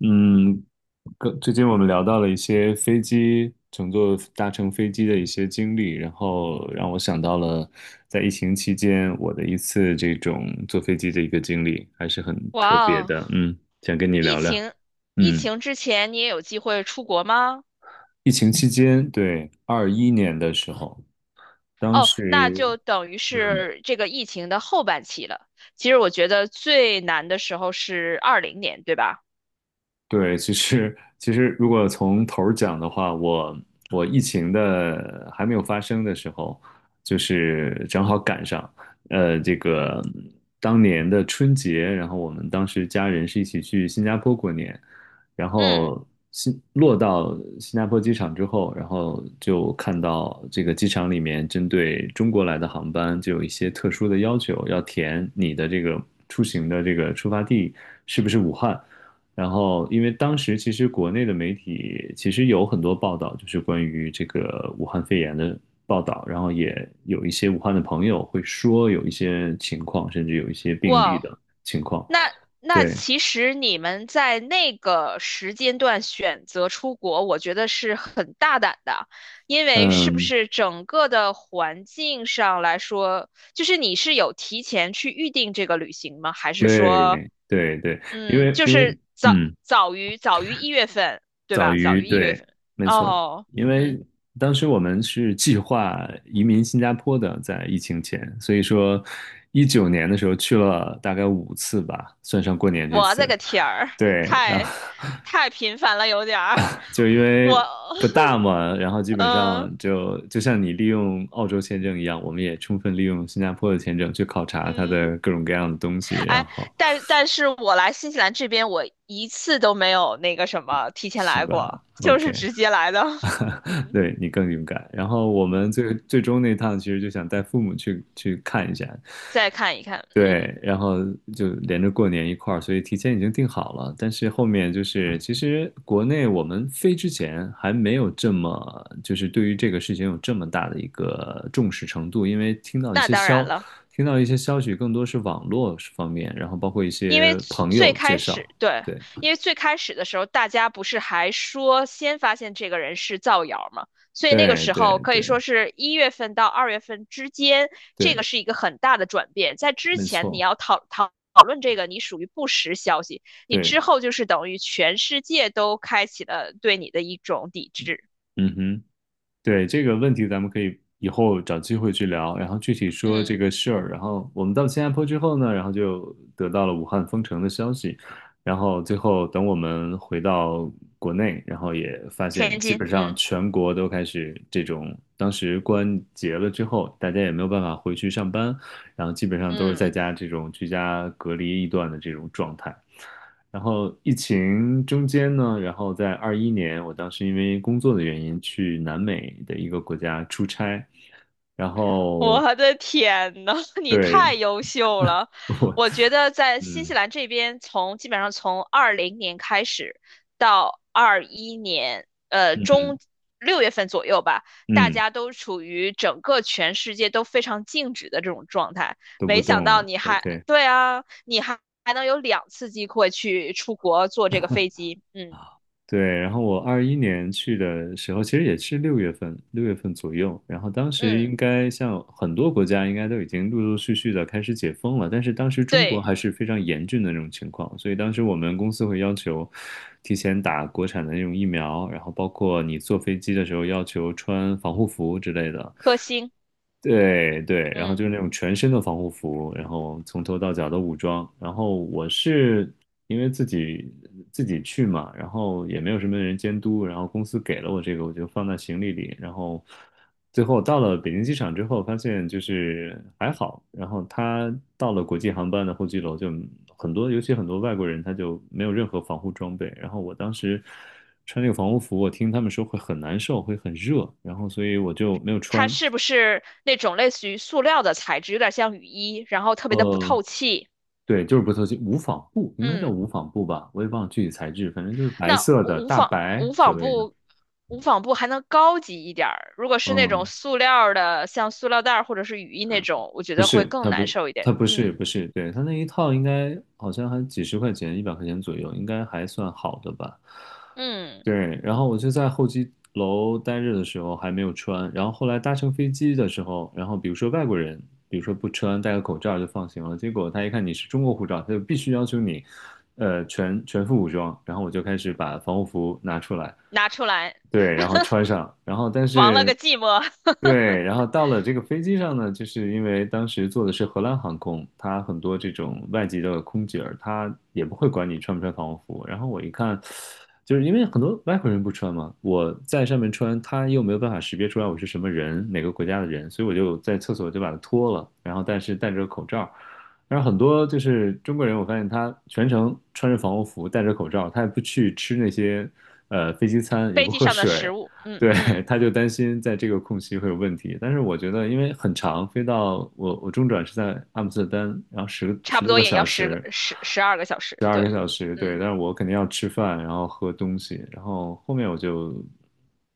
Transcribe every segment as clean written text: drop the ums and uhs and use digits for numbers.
嗯，跟最近我们聊到了一些飞机搭乘飞机的一些经历，然后让我想到了在疫情期间我的一次这种坐飞机的一个经历，还是很特哇别哦，的。嗯，想跟你疫聊聊。情疫嗯，情之前你也有机会出国吗？疫情期间，对，二一年的时候，当哦，那时。就等于嗯。是这个疫情的后半期了。其实我觉得最难的时候是二零年，对吧？对，其实如果从头儿讲的话，我疫情的还没有发生的时候，就是正好赶上，这个当年的春节，然后我们当时家人是一起去新加坡过年，然嗯，后新落到新加坡机场之后，然后就看到这个机场里面针对中国来的航班就有一些特殊的要求，要填你的这个出行的这个出发地是不是武汉。然后，因为当时其实国内的媒体其实有很多报道，就是关于这个武汉肺炎的报道，然后也有一些武汉的朋友会说有一些情况，甚至有一些病哇例哦的情况。那那对，其实你们在那个时间段选择出国，我觉得是很大胆的，因为是不嗯，是整个的环境上来说，就是你是有提前去预定这个旅行吗？还是说，对，对对，因嗯，为就因为是早嗯。早于一月份，对早吧？早于于一月对，份。没错，哦，因为嗯，当时我们是计划移民新加坡的，在疫情前，所以说19年的时候去了大概5次吧，算上过年这我的次，个天儿，对，然后 太太频繁了，有点儿，就因为我，不大嘛，然后基 本上嗯就像你利用澳洲签证一样，我们也充分利用新加坡的签证去考察它嗯。的各种各样的东西，然哎，后但是我来新西兰这边，我一次都没有那个什么提前是来吧过，就是？OK，直接来的。嗯对你更勇敢。然后我嗯，们最最终那趟其实就想带父母去看一下，再看一看，嗯，对，然后就连着过年一块儿，所以提前已经定好了。但是后面就是，其实国内我们飞之前还没有这么，就是对于这个事情有这么大的一个重视程度，因为听到一那些当然消，了。听到一些消息更多是网络方面，然后包括一因为些最朋最友介开绍，始，对，对，因为最开始的时候，大家不是还说先发现这个人是造谣吗？所以那个对，时对，候可对，以说是一月份到二月份之间，这对，个是一个很大的转变。在之没前你要错，讨论这个，你属于不实消息；你对，之后就是等于全世界都开启了对你的一种抵制。嗯哼。对，这个问题，咱们可以以后找机会去聊，然后具体说这嗯，个事儿。然后我们到新加坡之后呢，然后就得到了武汉封城的消息，然后最后等我们回到国内，然后也发现天基津，本上嗯全国都开始这种，当时关节了之后，大家也没有办法回去上班，然后基本上都是在嗯。家这种居家隔离一段的这种状态。然后疫情中间呢，然后在二一年，我当时因为工作的原因去南美的一个国家出差，然 后我的天呐，你对 太优秀了！我，我觉得在新嗯西兰这边从，基本上从二零年开始到二一年，嗯中六月份左右吧，大嗯，家都处于整个全世界都非常静止的这种状态。都不没想动到了你还，，OK，对啊，你还能有两次机会去出国坐这个飞机，嗯对，然后我二一年去的时候，其实也是六月份，六月份左右。然后当时嗯，应该像很多国家，应该都已经陆陆续续的开始解封了，但是当时中国对，还是非常严峻的那种情况，所以当时我们公司会要求提前打国产的那种疫苗，然后包括你坐飞机的时候要求穿防护服之类的。颗星，对对，然后就嗯。是那种全身的防护服，然后从头到脚的武装。然后我是因为自己去嘛，然后也没有什么人监督，然后公司给了我这个，我就放在行李里。然后最后到了北京机场之后，发现就是还好。然后他到了国际航班的候机楼，就很多，尤其很多外国人，他就没有任何防护装备。然后我当时穿那个防护服，我听他们说会很难受，会很热，然后所以我就没有它穿。是不是那种类似于塑料的材质，有点像雨衣，然后特别的不呃，透气。对，就是不透气，无纺布应该叫嗯，无纺布吧，我也忘了具体材质，反正就是白那色的大白无所纺谓的。布无纺布还能高级一点儿，如果是那种嗯，塑料儿的，像塑料袋儿或者是雨衣那种，我觉不得会是，更它不，难受一点。它不是，不嗯是，对，它那一套应该好像还几十块钱，100块钱左右，应该还算好的吧。嗯，对，然后我就在候机楼待着的时候还没有穿，然后后来搭乘飞机的时候，然后比如说外国人，比如说不穿戴个口罩就放行了，结果他一看你是中国护照，他就必须要求你，全副武装，然后我就开始把防护服拿出来，拿出来，对，然后穿上，然后但亡了个是寂寞。对，然后到了这个飞机上呢，就是因为当时坐的是荷兰航空，它很多这种外籍的空姐儿，她也不会管你穿不穿防护服。然后我一看，就是因为很多外国人不穿嘛，我在上面穿，他又没有办法识别出来我是什么人，哪个国家的人，所以我就在厕所就把它脱了，然后但是戴着个口罩。然后很多就是中国人，我发现他全程穿着防护服，戴着口罩，他也不去吃那些飞机餐，也飞不机喝上的食水，物，嗯对，嗯，他就担心在这个空隙会有问题。但是我觉得，因为很长，飞到我中转是在阿姆斯特丹，然后差十不多多个也小要十个时，十二个小时。十二对，个小时，对，嗯，但是我肯定要吃饭，然后喝东西，然后后面我就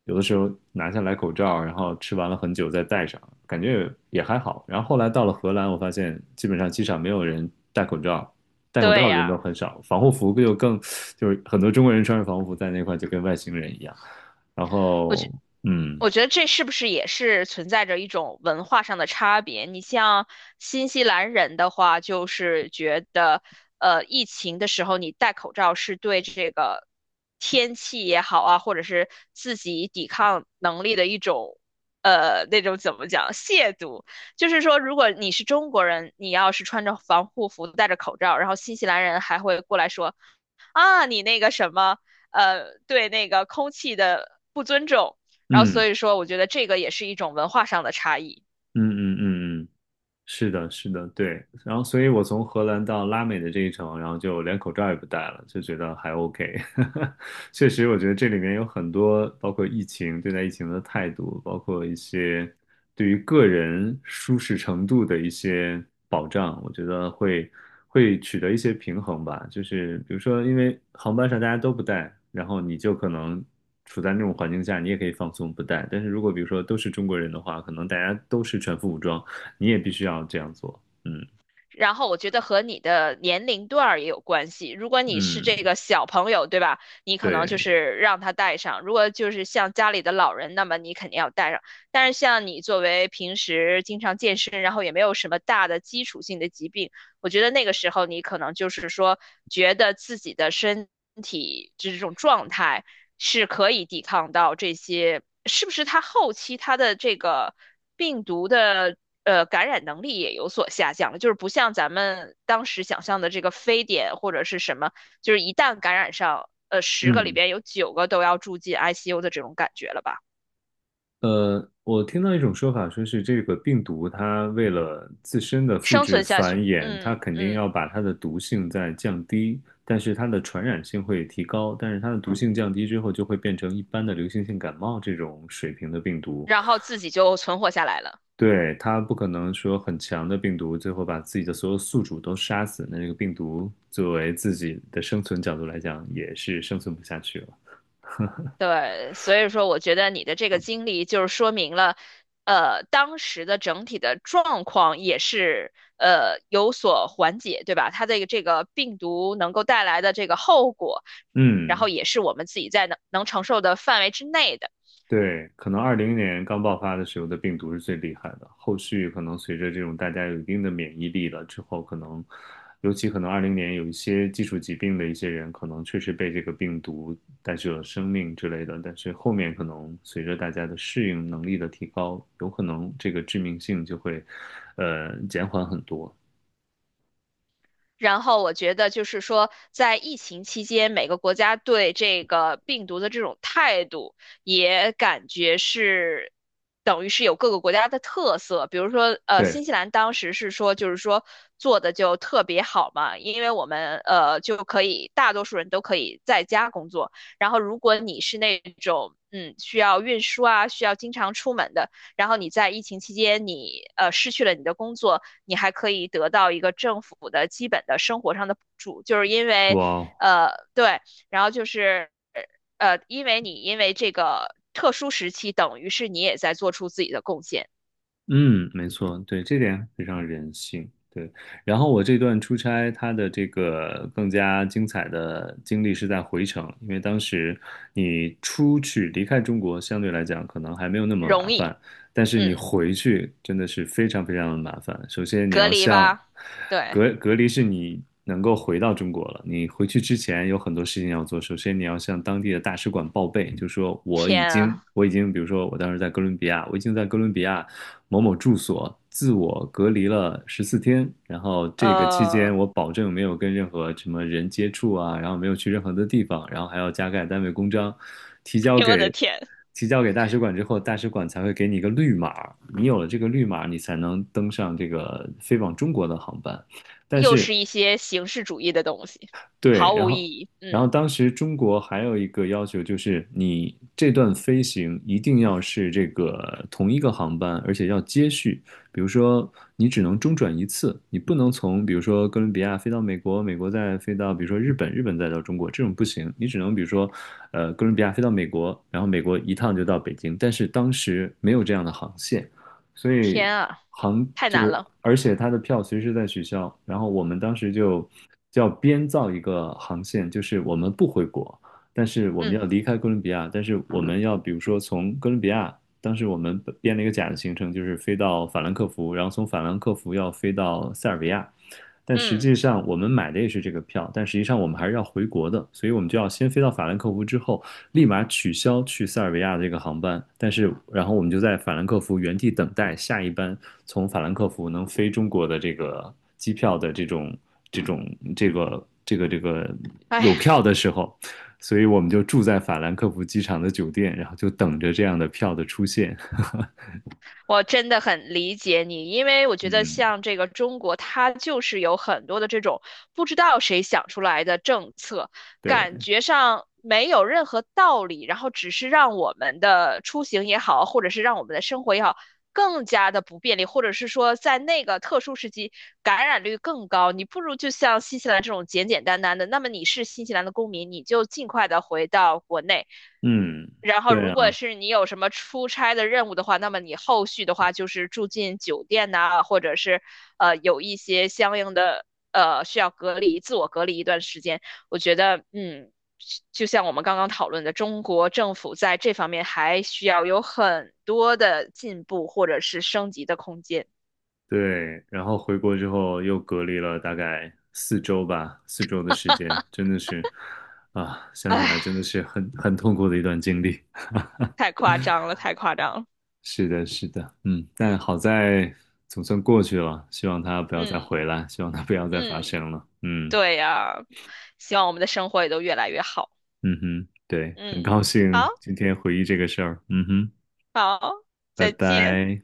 有的时候拿下来口罩，然后吃完了很久再戴上，感觉也还好。然后后来到了荷兰，我发现基本上机场没有人戴口罩，戴口对罩的人都呀。很少，防护服就更就是很多中国人穿着防护服在那块就跟外星人一样。然我觉后，嗯我觉得这是不是也是存在着一种文化上的差别？你像新西兰人的话，就是觉得，疫情的时候你戴口罩是对这个天气也好啊，或者是自己抵抗能力的一种，那种怎么讲，亵渎。就是说，如果你是中国人，你要是穿着防护服、戴着口罩，然后新西兰人还会过来说。啊，你那个什么，对那个空气的不尊重，然后所嗯以说，我觉得这个也是一种文化上的差异。嗯嗯嗯嗯，是的，是的，对。然后，所以我从荷兰到拉美的这一程，然后就连口罩也不戴了，就觉得还 OK。确实，我觉得这里面有很多，包括疫情，对待疫情的态度，包括一些对于个人舒适程度的一些保障，我觉得会取得一些平衡吧。就是比如说，因为航班上大家都不戴，然后你就可能处在那种环境下，你也可以放松不戴。但是如果比如说都是中国人的话，可能大家都是全副武装。你也必须要这样做。嗯然后我觉得和你的年龄段儿也有关系。如果你是这嗯，个小朋友，对吧？你可能就对，是让他带上；如果就是像家里的老人，那么你肯定要带上。但是像你作为平时经常健身，然后也没有什么大的基础性的疾病。我觉得那个时候你可能就是说，觉得自己的身体这种状态是可以抵抗到这些，是不是它后期它的这个病毒的感染能力也有所下降了？就是不像咱们当时想象的这个非典或者是什么，就是一旦感染上，十个里嗯边有九个都要住进 ICU 的这种感觉了吧？我听到一种说法，说是这个病毒它为了自身的复生制存下繁去，衍，它嗯肯定要嗯，把它的毒性再降低，但是它的传染性会提高，但是它的毒性降低之后，就会变成一般的流行性感冒这种水平的病毒。然后自己就存活下来了。对，它不可能说很强的病毒，最后把自己的所有宿主都杀死。那这个病毒作为自己的生存角度来讲，也是生存不下去了。对，所以说我觉得你的这个经历就是说明了，当时的整体的状况也是有所缓解，对吧？它的这个病毒能够带来的这个后果，然嗯，后也是我们自己在能承受的范围之内的。对，可能二零年刚爆发的时候的病毒是最厉害的，后续可能随着这种大家有一定的免疫力了之后，可能，尤其可能二零年有一些基础疾病的一些人，可能确实被这个病毒带去了生命之类的，但是后面可能随着大家的适应能力的提高，有可能这个致命性就会，减缓很多。然后我觉得就是说，在疫情期间，每个国家对这个病毒的这种态度，也感觉是等于是有各个国家的特色。比如说，对，新西兰当时是说，就是说做的就特别好嘛，因为我们就可以大多数人都可以在家工作。然后，如果你是那种嗯需要运输啊，需要经常出门的，然后你在疫情期间你失去了你的工作。你还可以得到一个政府的基本的生活上的补助，就是因为，哇，对，然后就是，因为你因为这个特殊时期，等于是你也在做出自己的贡献，嗯，没错，对，这点非常人性。对，然后我这段出差，它的这个更加精彩的经历是在回程，因为当时你出去离开中国，相对来讲可能还没有那么麻容易，烦，但是你嗯，回去真的是非常非常的麻烦。首先你隔要离像吧，对，隔离是你能够回到中国了，你回去之前有很多事情要做。首先你要向当地的大使馆报备，就说我天已啊，经我已经，比如说我当时在哥伦比亚，我已经在哥伦比亚。某某住所自我隔离了14天，然后这个期间呃，我保证没有跟任何什么人接触啊，然后没有去任何的地方，然后还要加盖单位公章，提交哎我的给天，提交给大使馆之后，大使馆才会给你一个绿码，你有了这个绿码，你才能登上这个飞往中国的航班。又是一些形式主义的东西，对，毫然无后，意义，然后嗯，当时中国还有一个要求，就是你这段飞行一定要是这个同一个航班，而且要接续。比如说，你只能中转一次，你不能从比如说哥伦比亚飞到美国，美国再飞到比如说日本，日本再到中国，这种不行。你只能比如说，哥伦比亚飞到美国，然后美国一趟就到北京。但是当时没有这样的航线，所以天啊，航太就难是，了，而且它的票随时在取消，然后我们当时就叫编造一个航线，就是我们不回国，但是我们要嗯离开哥伦比亚，但是我们要比如说从哥伦比亚，当时我们编了一个假的行程，就是飞到法兰克福，然后从法兰克福要飞到塞尔维亚。但实嗯，际上，我们买的也是这个票，但实际上我们还是要回国的，所以我们就要先飞到法兰克福之后，立马取消去塞尔维亚的这个航班，但是然后我们就在法兰克福原地等待下一班从法兰克福能飞中国的这个机票的这种这种这个哎有呀，票的时候，所以我们就住在法兰克福机场的酒店，然后就等着这样的票的出现。我真的很理解你，因为我觉得嗯，像这个中国，它就是有很多的这种不知道谁想出来的政策，对，感觉上没有任何道理，然后只是让我们的出行也好，或者是让我们的生活也好，更加的不便利，或者是说在那个特殊时期感染率更高，你不如就像新西兰这种简简单单的。那么你是新西兰的公民，你就尽快的回到国内。嗯，然后，对如果啊。是你有什么出差的任务的话，那么你后续的话就是住进酒店呐、或者是有一些相应的需要隔离、自我隔离一段时间。我觉得，嗯，就像我们刚刚讨论的，中国政府在这方面还需要有很多的进步或者是升级的空间。对，然后回国之后又隔离了大概四周吧，四周的时间，真的是，啊，想起来真的唉，是很痛苦的一段经历。太夸张了，太夸张了。是的，是的，嗯，但好在总算过去了，希望它不要再嗯回来，希望它不要再发嗯，生了。嗯对呀，希望我们的生活也都越来越好。嗯哼，对，很嗯，高好兴今天回忆这个事儿。嗯哼，好，拜再见。拜。